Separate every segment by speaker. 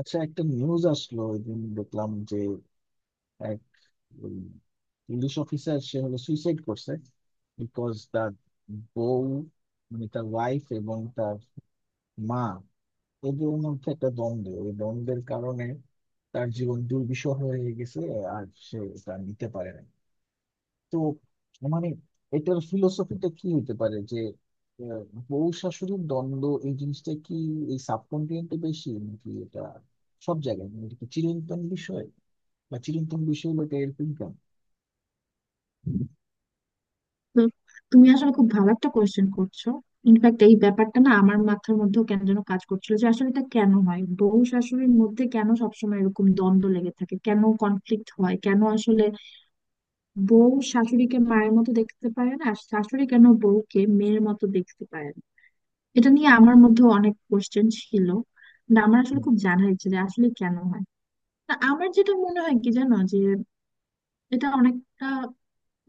Speaker 1: আচ্ছা, একটা নিউজ আসলো ওই দিন দেখলাম যে এক ইংলিশ অফিসার সে হলো সুইসাইড করছে, বিকজ তার বউ, তার ওয়াইফ এবং তার মা, এদের মধ্যে একটা দ্বন্দ্ব। ওই দ্বন্দ্বের কারণে তার জীবন দুর্বিষহ হয়ে গেছে আর সে তা নিতে পারে না। তো মানে এটার ফিলোসফিটা কি হতে পারে যে আহ, বউ শাশুড়ির দ্বন্দ্ব এই জিনিসটা কি এই সাবকন্টিনেন্টে বেশি নাকি এটা সব জায়গায়, এটা কি চিরন্তন বিষয়, বা চিরন্তন বিষয় হলো, এটা এরকম কেন? হুম,
Speaker 2: তো তুমি আসলে খুব ভালো একটা কোয়েশ্চেন করছো। ইনফ্যাক্ট এই ব্যাপারটা না আমার মাথার মধ্যেও কেন যেন কাজ করছিল যে আসলে এটা কেন হয়, বউ শাশুড়ির মধ্যে কেন সবসময় এরকম দ্বন্দ্ব লেগে থাকে, কেন কনফ্লিক্ট হয়, কেন আসলে বউ শাশুড়িকে মায়ের মতো দেখতে পারে না আর শাশুড়ি কেন বউকে মেয়ের মতো দেখতে পারে না। এটা নিয়ে আমার মধ্যে অনেক কোয়েশ্চেন ছিল। না, আমার আসলে খুব জানার ইচ্ছে যে আসলে কেন হয়। তা আমার যেটা মনে হয় কি জানো, যে এটা অনেকটা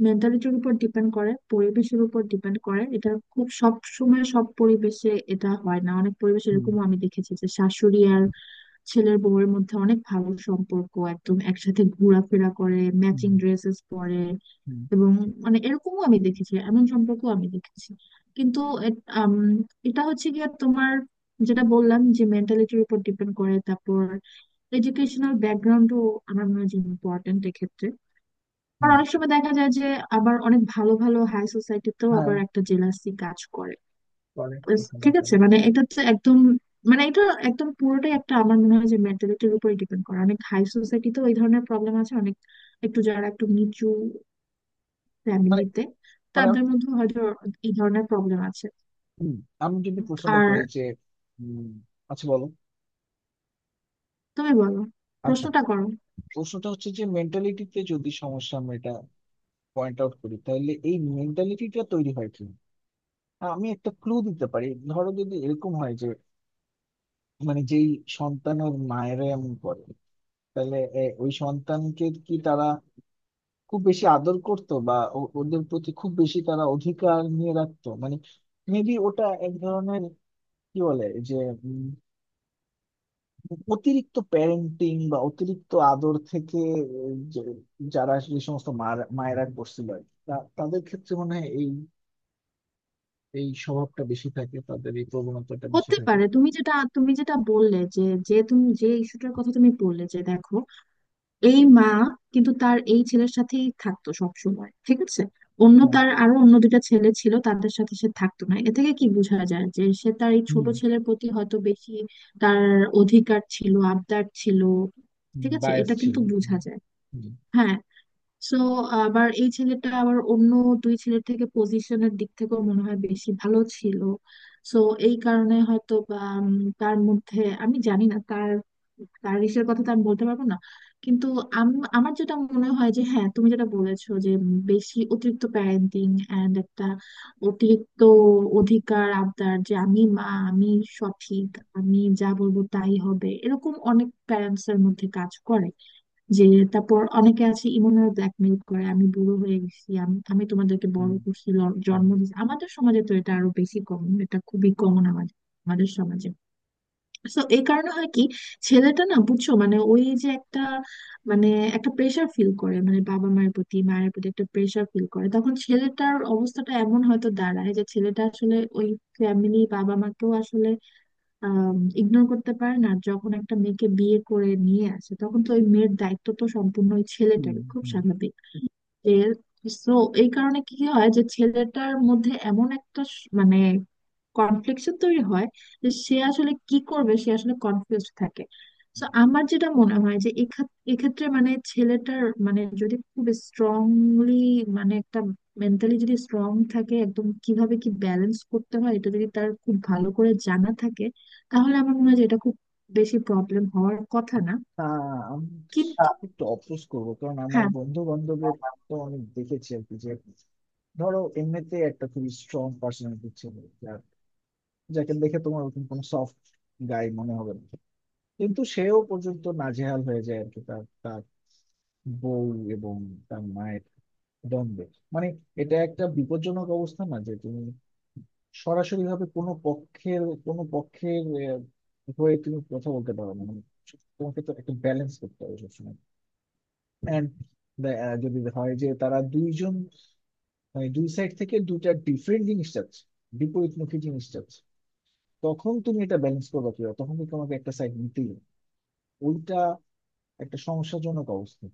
Speaker 2: মেন্টালিটির উপর ডিপেন্ড করে, পরিবেশের উপর ডিপেন্ড করে। এটা খুব সব সময় সব পরিবেশে এটা হয় না। অনেক পরিবেশে
Speaker 1: হুম,
Speaker 2: এরকমও আমি দেখেছি যে শাশুড়ি আর ছেলের বউয়ের মধ্যে অনেক ভালো সম্পর্ক, একদম একসাথে ঘোরাফেরা করে,
Speaker 1: হুম,
Speaker 2: ম্যাচিং ড্রেসেস পরে।
Speaker 1: হুম,
Speaker 2: এবং মানে এরকমও আমি দেখেছি, এমন সম্পর্ক আমি দেখেছি। কিন্তু এ- আম, এটা হচ্ছে গিয়ে তোমার যেটা বললাম যে মেন্টালিটির উপর ডিপেন্ড করে, তারপর এডুকেশনাল ব্যাকগ্রাউন্ডও আমার মনে হয় যে ইম্পর্টেন্ট। আর
Speaker 1: হুম।
Speaker 2: অনেক সময় দেখা যায় যে আবার অনেক ভালো ভালো হাই সোসাইটিতেও
Speaker 1: হ্যাঁ,
Speaker 2: আবার একটা জেলাসি কাজ করে।
Speaker 1: করে। ওখানে
Speaker 2: ঠিক আছে,
Speaker 1: করে।
Speaker 2: মানে এটা তো একদম মানে এটা একদম পুরোটাই একটা আমার মনে হয় যে মেন্টালিটির উপরে ডিপেন্ড করে। অনেক হাই সোসাইটিতেও এই ধরনের প্রবলেম আছে, অনেক একটু যারা একটু নিচু
Speaker 1: মানে
Speaker 2: ফ্যামিলিতে
Speaker 1: মানে আমি,
Speaker 2: তাদের মধ্যে হয়তো এই ধরনের প্রবলেম আছে।
Speaker 1: হুম, আমি যদি প্রশ্নটা
Speaker 2: আর
Speaker 1: করি যে, উম, আচ্ছা বলো।
Speaker 2: তুমি বলো,
Speaker 1: আচ্ছা,
Speaker 2: প্রশ্নটা করো।
Speaker 1: প্রশ্নটা হচ্ছে যে মেন্টালিটিতে যদি সমস্যা, আমরা এটা পয়েন্ট আউট করি, তাহলে এই মেন্টালিটিটা তৈরি হয় কি? হ্যাঁ, আমি একটা ক্লু দিতে পারি। ধরো যদি এরকম হয় যে, যেই সন্তান ওর মায়ের এমন করে, তাহলে ওই সন্তানকে কি তারা খুব বেশি আদর করতো বা ওদের প্রতি খুব বেশি তারা অধিকার নিয়ে রাখতো। মেবি ওটা এক ধরনের, কি বলে যে, উম, অতিরিক্ত প্যারেন্টিং বা অতিরিক্ত আদর থেকে, যে যারা যে সমস্ত মায়েরা করছিল আর কি, তাদের ক্ষেত্রে মনে হয় এই এই স্বভাবটা বেশি থাকে, তাদের এই প্রবণতাটা বেশি
Speaker 2: হতে
Speaker 1: থাকে।
Speaker 2: পারে, তুমি যেটা বললে যে, যে তুমি যে ইস্যুটার কথা তুমি বললে যে দেখো, এই মা কিন্তু তার এই ছেলের সাথেই থাকতো সব সময়, ঠিক আছে। অন্য
Speaker 1: হ্যাঁ।
Speaker 2: তার আরো অন্য দুইটা ছেলে ছিল, তাদের সাথে সে থাকতো না। এ থেকে কি বোঝা যায় যে সে তার এই ছোট
Speaker 1: হুম
Speaker 2: ছেলের প্রতি হয়তো বেশি তার অধিকার ছিল, আবদার ছিল। ঠিক আছে,
Speaker 1: বায়াস
Speaker 2: এটা
Speaker 1: ছিল।
Speaker 2: কিন্তু
Speaker 1: হুম,
Speaker 2: বোঝা যায়।
Speaker 1: হুম,
Speaker 2: হ্যাঁ, সো আবার এই ছেলেটা আবার অন্য দুই ছেলের থেকে পজিশনের দিক থেকেও মনে হয় বেশি ভালো ছিল। সো এই কারণে হয়তো বা তার মধ্যে আমি জানি না, তার তার ইসের কথা তো আমি বলতে পারবো না। কিন্তু আমার যেটা মনে হয় যে হ্যাঁ, তুমি যেটা বলেছো যে বেশি অতিরিক্ত প্যারেন্টিং এন্ড একটা অতিরিক্ত অধিকার আবদার যে আমি মা, আমি সঠিক, আমি যা বলবো তাই হবে, এরকম অনেক প্যারেন্টস এর মধ্যে কাজ করে। যে তারপর অনেকে আছে ইমোশনাল ব্ল্যাকমেল করে, আমি বুড়ো হয়ে গেছি, আমি আমি তোমাদেরকে বড়
Speaker 1: হুম,
Speaker 2: করছি, জন্ম দিয়েছি। আমাদের সমাজে তো এটা আরো বেশি কমন, এটা খুবই কমন আমাদের আমাদের সমাজে। তো এই কারণে হয় কি, ছেলেটা না বুঝছো মানে ওই যে একটা মানে একটা প্রেশার ফিল করে মানে বাবা মায়ের প্রতি, মায়ের প্রতি একটা প্রেশার ফিল করে। তখন ছেলেটার অবস্থাটা এমন হয়তো দাঁড়ায় যে ছেলেটা আসলে ওই ফ্যামিলি বাবা মাকেও আসলে ইগনোর করতে পারেন। আর যখন একটা মেয়েকে বিয়ে করে নিয়ে আসে তখন তো ওই মেয়ের দায়িত্ব তো সম্পূর্ণ ওই
Speaker 1: হুম,
Speaker 2: ছেলেটার, খুব
Speaker 1: হুম, হুম।
Speaker 2: স্বাভাবিক। তো এই কারণে কি হয় যে ছেলেটার মধ্যে এমন একটা মানে কনফ্লিকশন তৈরি হয় যে সে আসলে কি করবে, সে আসলে কনফিউজ থাকে। তো আমার যেটা মনে হয় যে এক্ষেত্রে মানে ছেলেটার মানে যদি খুব স্ট্রংলি মানে একটা মেন্টালি যদি স্ট্রং থাকে একদম, কিভাবে কি ব্যালেন্স করতে হয় এটা যদি তার খুব ভালো করে জানা থাকে তাহলে আমার মনে হয় যে এটা খুব বেশি প্রবলেম হওয়ার কথা না।
Speaker 1: আমি
Speaker 2: কিন্তু
Speaker 1: একটু অফোর্স করবো, কারণ আমার
Speaker 2: হ্যাঁ,
Speaker 1: বন্ধু বান্ধবের তো অনেক দেখেছি আর কি যে, ধরো এমনিতে একটা খুবই স্ট্রং পার্সোনালিটি ছিল, যার, যাকে দেখে তোমার ওরকম কোনো সফট গাই মনে হবে না, কিন্তু সেও পর্যন্ত নাজেহাল হয়ে যায় আর কি, তার তার বউ এবং তার মায়ের দ্বন্দ্বে। মানে এটা একটা বিপজ্জনক অবস্থা না যে তুমি সরাসরি ভাবে কোনো পক্ষের আহ, হয়ে তুমি কথা বলতে পারো না। মানে তোমাকে তো একটা ব্যালেন্স করতে হবে সবসময়। অ্যান্ড যদি হয় যে তারা দুইজন, দুই সাইড থেকে দুইটা ডিফারেন্ট জিনিস চাচ্ছে, বিপরীতমুখী জিনিস চাচ্ছে, তখন তুমি এটা ব্যালেন্স করবে কিভাবে? তখন কিন্তু তোমাকে একটা সাইড নিতেই হবে। ওইটা একটা সমস্যাজনক অবস্থা।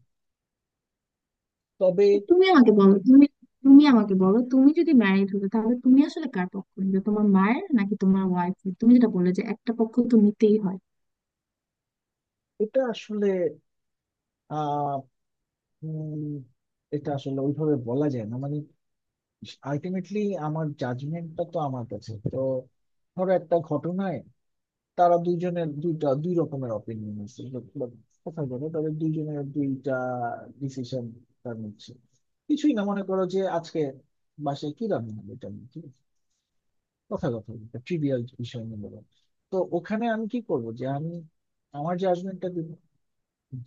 Speaker 1: তবে
Speaker 2: তো তুমি আমাকে বলো, তুমি তুমি আমাকে বলো তুমি যদি ম্যারিড হতো তাহলে তুমি আসলে কার পক্ষ নিতে, তোমার মায়ের নাকি তোমার ওয়াইফের, তুমি যেটা বললে যে একটা পক্ষ তো নিতেই হয়।
Speaker 1: এটা আসলে, আহ উম, এটা আসলে ওইভাবে বলা যায় না। আলটিমেটলি আমার জাজমেন্টটা তো আমার কাছে তো, ধরো একটা ঘটনায় তারা দুইজনের দুইটা দুই রকমের অপিনিয়ন আছে, but কথা বলে তাদের দুইজনের দুইটা ডিসিশন, তার মধ্যে কিছুই না, মনে করো যে আজকে বাসায় কি রান্না হবে, এটা নিয়ে, ঠিক আছে? কথা কথা একটা ট্রিভিয়াল বিষয় নিয়ে বলো। তো ওখানে আমি কি করব যে আমি আমার জাজমেন্টটা দিব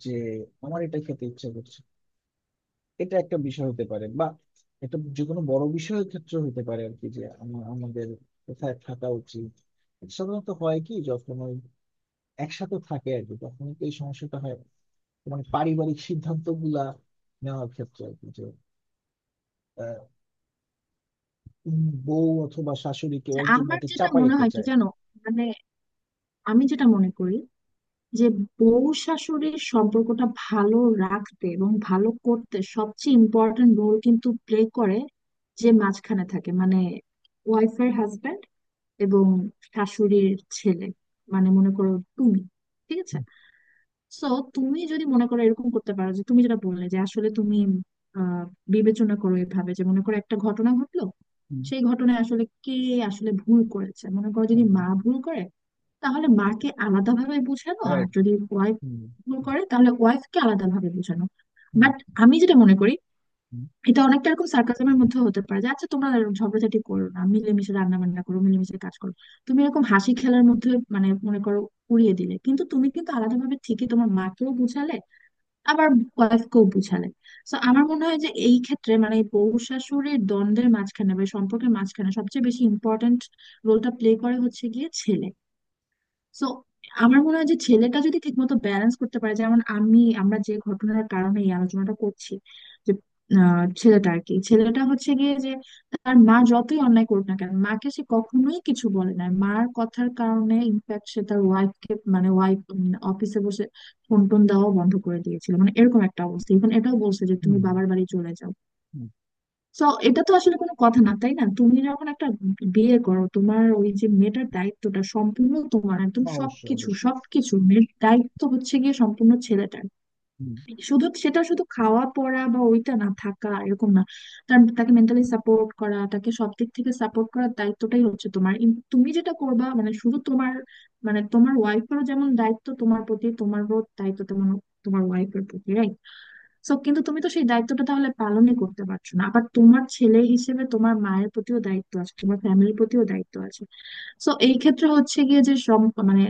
Speaker 1: যে আমার এটা খেতে ইচ্ছা করছে। এটা একটা বিষয় হতে পারে, বা একটা যে কোনো বড় বিষয়ের ক্ষেত্রে হতে পারে আর কি, যে আমাদের কোথায় থাকা উচিত। এটা সাধারণত হয় কি, যখন ওই একসাথে থাকে আর কি, তখন তো এই সমস্যাটা হয়। মানে পারিবারিক সিদ্ধান্ত গুলা নেওয়ার ক্ষেত্রে আর কি, যে আহ, বউ অথবা শাশুড়ি কেউ
Speaker 2: যে
Speaker 1: একজন
Speaker 2: আমার
Speaker 1: এটা
Speaker 2: যেটা মনে
Speaker 1: চাপাইতে
Speaker 2: হয় কি
Speaker 1: চায়।
Speaker 2: জানো, মানে আমি যেটা মনে করি যে বউ শাশুড়ির সম্পর্কটা ভালো রাখতে এবং ভালো করতে সবচেয়ে ইম্পর্টেন্ট রোল কিন্তু প্লে করে যে মাঝখানে থাকে, মানে ওয়াইফের হাজবেন্ড এবং শাশুড়ির ছেলে। মানে মনে করো তুমি, ঠিক আছে, সো তুমি যদি মনে করো এরকম করতে পারো যে তুমি যেটা বললে যে আসলে তুমি আহ বিবেচনা করো এভাবে যে মনে করো একটা ঘটনা ঘটলো, সেই ঘটনায় আসলে কে আসলে ভুল করেছে, মনে
Speaker 1: রাইট।
Speaker 2: করো যদি
Speaker 1: হুম
Speaker 2: মা ভুল করে তাহলে মাকে আলাদাভাবে বোঝানো, আর
Speaker 1: রাইট।
Speaker 2: যদি ওয়াইফ
Speaker 1: হুম
Speaker 2: ভুল করে তাহলে ওয়াইফকে আলাদাভাবে বোঝানো।
Speaker 1: হুম
Speaker 2: বাট আমি যেটা মনে করি,
Speaker 1: হুম
Speaker 2: এটা অনেকটা এরকম সার্কাসমের মধ্যে হতে পারে যে আচ্ছা তোমরা এরকম ঝগড়াঝাটি করো না, মিলেমিশে রান্না বান্না করো, মিলেমিশে কাজ করো। তুমি এরকম হাসি খেলার মধ্যে মানে মনে করো উড়িয়ে দিলে, কিন্তু তুমি কিন্তু আলাদাভাবে ঠিকই তোমার মাকেও বুঝালে, আবার ওয়াইফকেও বুঝালে। তো আমার মনে হয় যে এই ক্ষেত্রে মানে এই বউ শাশুড়ির দ্বন্দ্বের মাঝখানে বা এই সম্পর্কের মাঝখানে সবচেয়ে বেশি ইম্পর্ট্যান্ট রোলটা প্লে করে হচ্ছে গিয়ে ছেলে। সো আমার মনে হয় যে ছেলেটা যদি ঠিকমতো ব্যালেন্স করতে পারে, যেমন আমরা যে ঘটনার কারণে এই আলোচনাটা করছি যে ছেলেটা আর কি, ছেলেটা হচ্ছে গিয়ে যে তার মা যতই অন্যায় করুক না কেন মাকে সে কখনোই কিছু বলে না, মার কথার কারণে ইনফ্যাক্ট সে তার ওয়াইফকে মানে ওয়াইফ অফিসে বসে ফোন টোন দেওয়াও বন্ধ করে দিয়েছিল, মানে এরকম একটা অবস্থা। ইভেন এটাও বলছে যে তুমি
Speaker 1: হুম,
Speaker 2: বাবার বাড়ি চলে যাও।
Speaker 1: হুম,
Speaker 2: তো এটা তো আসলে কোনো কথা না, তাই না? তুমি যখন একটা বিয়ে করো তোমার ওই যে মেয়েটার দায়িত্বটা সম্পূর্ণ তোমার, একদম
Speaker 1: অবশ্যই,
Speaker 2: সবকিছু
Speaker 1: অবশ্যই।
Speaker 2: সবকিছু মেয়ের দায়িত্ব হচ্ছে গিয়ে সম্পূর্ণ ছেলেটার।
Speaker 1: হুম।
Speaker 2: শুধু সেটা শুধু খাওয়া পড়া বা ওইটা না থাকা এরকম না, তাকে মেন্টালি সাপোর্ট করা, তাকে সব দিক থেকে সাপোর্ট করার দায়িত্বটাই হচ্ছে তোমার। তুমি যেটা করবা মানে শুধু তোমার মানে তোমার ওয়াইফেরও যেমন দায়িত্ব তোমার প্রতি, তোমারও দায়িত্ব তেমন তোমার ওয়াইফের প্রতি, right? সো কিন্তু তুমি তো সেই দায়িত্বটা তাহলে পালনই করতে পারছো না। আবার তোমার ছেলে হিসেবে তোমার মায়ের প্রতিও দায়িত্ব আছে, তোমার ফ্যামিলির প্রতিও দায়িত্ব আছে। সো এই ক্ষেত্রে হচ্ছে গিয়ে যে সব মানে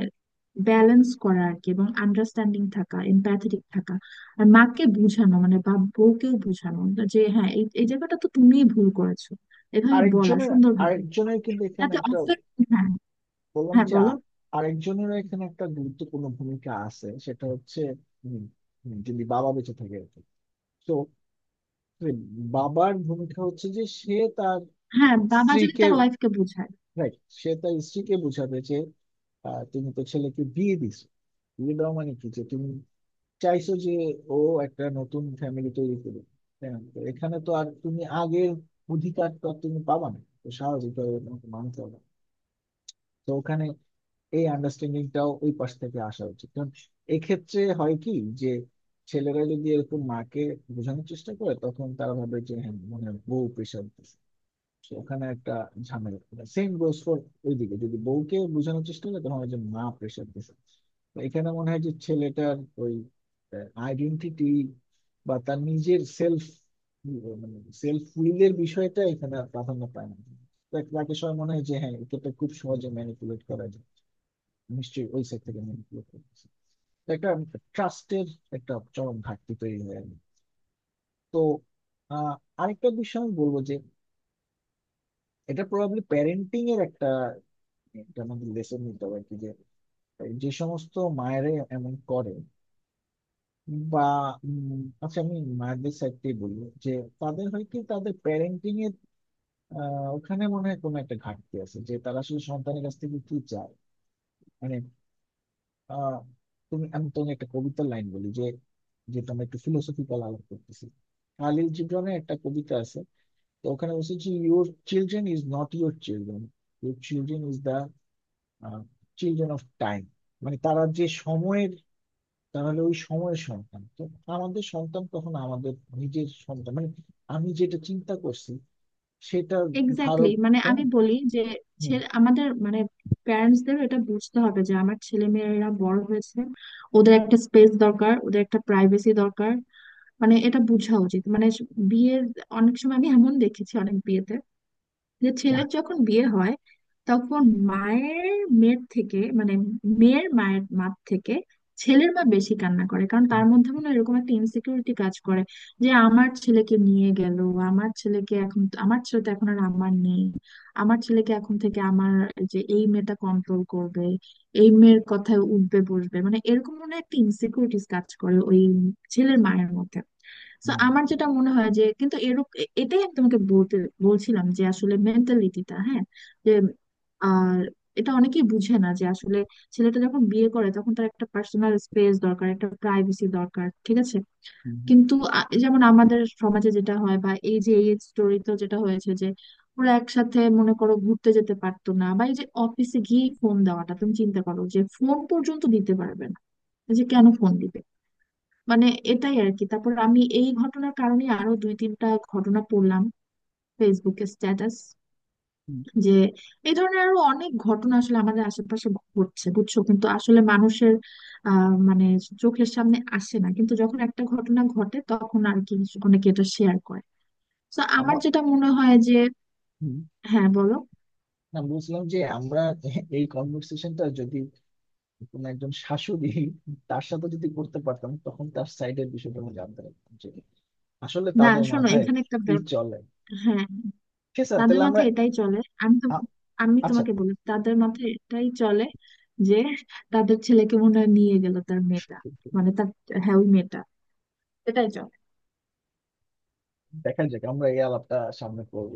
Speaker 2: ব্যালেন্স করা আর কি, এবং আন্ডারস্ট্যান্ডিং থাকা, এমপ্যাথেটিক থাকা। আর মাকে বোঝানো মানে বা বউকেও বোঝানো যে হ্যাঁ এই এই জায়গাটা তো তুমিই ভুল করেছো, এভাবে বলা
Speaker 1: আরেকজনের
Speaker 2: সুন্দরভাবে
Speaker 1: আরেকজনের কিন্তু এখানে
Speaker 2: যাতে
Speaker 1: একটা,
Speaker 2: অফেক্ট। হ্যাঁ,
Speaker 1: বললাম
Speaker 2: হ্যাঁ
Speaker 1: যে
Speaker 2: বলো।
Speaker 1: আরেকজনেরও এখানে একটা গুরুত্বপূর্ণ ভূমিকা আছে, সেটা হচ্ছে উম, যদি বাবা বেঁচে থাকে আর কি। তো এই বাবার ভূমিকা হচ্ছে যে সে তার
Speaker 2: হ্যাঁ, বাবা যদি
Speaker 1: স্ত্রীকে,
Speaker 2: তার ওয়াইফকে বোঝায়।
Speaker 1: রাইট, সে তার স্ত্রীকে বোঝাবে যে, তুমি তো ছেলেকে বিয়ে দিছো, বিয়ে দেওয়া মানে কি, যে তুমি চাইছো যে ও একটা নতুন ফ্যামিলি তৈরি করবে, তাই না? তো এখানে তো আর তুমি আগের অধিকার তো আর তুমি পাবা না, তো স্বাভাবিকভাবে তোমাকে মানতে হবে। তো ওখানে এই আন্ডারস্ট্যান্ডিংটাও ওই পাশ থেকে আসা উচিত, কারণ এক্ষেত্রে হয় কি যে, ছেলেরা যদি এরকম মাকে বোঝানোর চেষ্টা করে, তখন তারা ভাবে যে হ্যাঁ, মনে হয় বউ প্রেশার দিচ্ছে। So ওখানে একটা ঝামেলা। সেম গোস ফর ওইদিকে, যদি বউকে বোঝানোর চেষ্টা করে তখন হয় যে মা প্রেশার দিচ্ছে। তো এখানে মনে হয় যে ছেলেটার ওই আইডেন্টিটি বা তার নিজের সেলফ, মানে সেলফ উইলের বিষয়টা এখানে আর প্রাধান্য পায় না। তাকে সবাই মনে হয় যে, হ্যাঁ, এটাকে খুব সহজে ম্যানিপুলেট করা যায়, নিশ্চয়ই ওই সেক্টর থেকে আমি improve করতেছি। তো একটা ট্রাস্টের একটা চরম ঘাটতি তৈরি হয়ে গেল। তো আহ, আরেকটা বিষয় আমি বলবো যে এটা প্রবাবলি প্যারেন্টিং এর একটা, একটা আমাদের লেসন নিতে হবে আর কি, যে যে সমস্ত মায়েরা এমন করে, বা আচ্ছা, আমি মায়েদের সাইড থেকে বলবো যে তাদের হয় কি তাদের প্যারেন্টিং এর ওখানে মনে হয় কোনো একটা ঘাটতি আছে, যে তারা আসলে সন্তানের কাছ থেকে কি চায়। মানে আহ তুমি, আমি তোমাকে একটা কবিতার লাইন বলি, যে, যেটা আমরা একটু ফিলোসফিক্যাল আলাপ করতেছি, খালিল জিব্রানের একটা কবিতা আছে। তো ওখানে বলছে যে, your children is not your children, your children is the children of time. মানে তারা যে সময়ের, তাহলে ওই সময়ের সন্তান তো, আমাদের সন্তান কখন আমাদের নিজের সন্তান, মানে আমি যেটা চিন্তা করছি, সেটা
Speaker 2: এক্স্যাক্টলি,
Speaker 1: ধারক,
Speaker 2: মানে
Speaker 1: তাই
Speaker 2: আমি
Speaker 1: না?
Speaker 2: বলি যে
Speaker 1: হুম।
Speaker 2: ছেলে আমাদের মানে প্যারেন্টস দের এটা বুঝতে হবে যে আমার ছেলে মেয়েরা বড় হয়েছে, ওদের একটা স্পেস দরকার, ওদের একটা প্রাইভেসি দরকার। মানে এটা বোঝা উচিত মানে বিয়ের অনেক সময় আমি এমন দেখেছি অনেক বিয়েতে যে ছেলের
Speaker 1: যাক।
Speaker 2: যখন বিয়ে হয় তখন মায়ের মেয়ের থেকে মানে মেয়ের মায়ের মা থেকে ছেলের মা বেশি কান্না করে কারণ তার মধ্যে মনে হয় এরকম একটা ইনসিকিউরিটি কাজ করে যে আমার ছেলেকে নিয়ে গেল, আমার ছেলেকে এখন, আমার ছেলে তো এখন আর আমার নেই, আমার ছেলেকে এখন থেকে আমার যে এই মেয়েটা কন্ট্রোল করবে, এই মেয়ের কথায় উঠবে বসবে, মানে এরকম মনে হয় একটা ইনসিকিউরিটিস কাজ করে ওই ছেলের মায়ের মধ্যে। তো
Speaker 1: হুম,
Speaker 2: আমার যেটা মনে হয় যে কিন্তু এরূপ এটাই আমি তোমাকে বলতে বলছিলাম যে আসলে মেন্টালিটিটা, হ্যাঁ। যে আর এটা অনেকেই বুঝে না যে আসলে ছেলেটা যখন বিয়ে করে তখন তার একটা পার্সোনাল স্পেস দরকার, একটা প্রাইভেসি দরকার, ঠিক আছে।
Speaker 1: হুম,
Speaker 2: কিন্তু যেমন আমাদের সমাজে যেটা হয় বা এই যে এই স্টোরি তো যেটা হয়েছে যে ওরা একসাথে মনে করো ঘুরতে যেতে পারতো না, বা এই যে অফিসে গিয়ে ফোন দেওয়াটা, তুমি চিন্তা করো যে ফোন পর্যন্ত দিতে পারবে না, এই যে কেন ফোন দিবে, মানে এটাই আর কি। তারপর আমি এই ঘটনার কারণে আরো দুই তিনটা ঘটনা পড়লাম ফেসবুকে স্ট্যাটাস,
Speaker 1: হুম,
Speaker 2: যে এই ধরনের আরো অনেক ঘটনা আসলে আমাদের আশেপাশে ঘটছে, বুঝছো, কিন্তু আসলে মানুষের মানে চোখের সামনে আসে না, কিন্তু যখন একটা ঘটনা ঘটে তখন আর কি অনেকে এটা শেয়ার করে। তো আমার
Speaker 1: আমার,
Speaker 2: যেটা মনে হয় যে,
Speaker 1: হুম,
Speaker 2: হ্যাঁ বলো।
Speaker 1: না বুঝলাম যে আমরা এই কনভার্সেশনটা যদি কোনো একজন শাশুড়ি, তার সাথে যদি করতে পারতাম, তখন তার সাইডের বিষয়টা আমি জানতে পারতাম, যে আসলে
Speaker 2: না,
Speaker 1: তাদের
Speaker 2: শোনো
Speaker 1: মাথায়
Speaker 2: এখানে একটা
Speaker 1: কি চলে।
Speaker 2: হ্যাঁ,
Speaker 1: ঠিক আছে,
Speaker 2: তাদের
Speaker 1: তাহলে আমরা,
Speaker 2: মাথায় এটাই চলে। আমি তো
Speaker 1: আ-
Speaker 2: আমি
Speaker 1: আচ্ছা,
Speaker 2: তোমাকে বলি, তাদের মাথায় এটাই চলে যে তাদের ছেলেকে মনে হয় নিয়ে গেল তার মেয়েটা, মানে তার, হ্যাঁ ওই মেয়েটা, এটাই চলে।
Speaker 1: দেখা যাক আমরা এই আলাপটা সামনে করবো।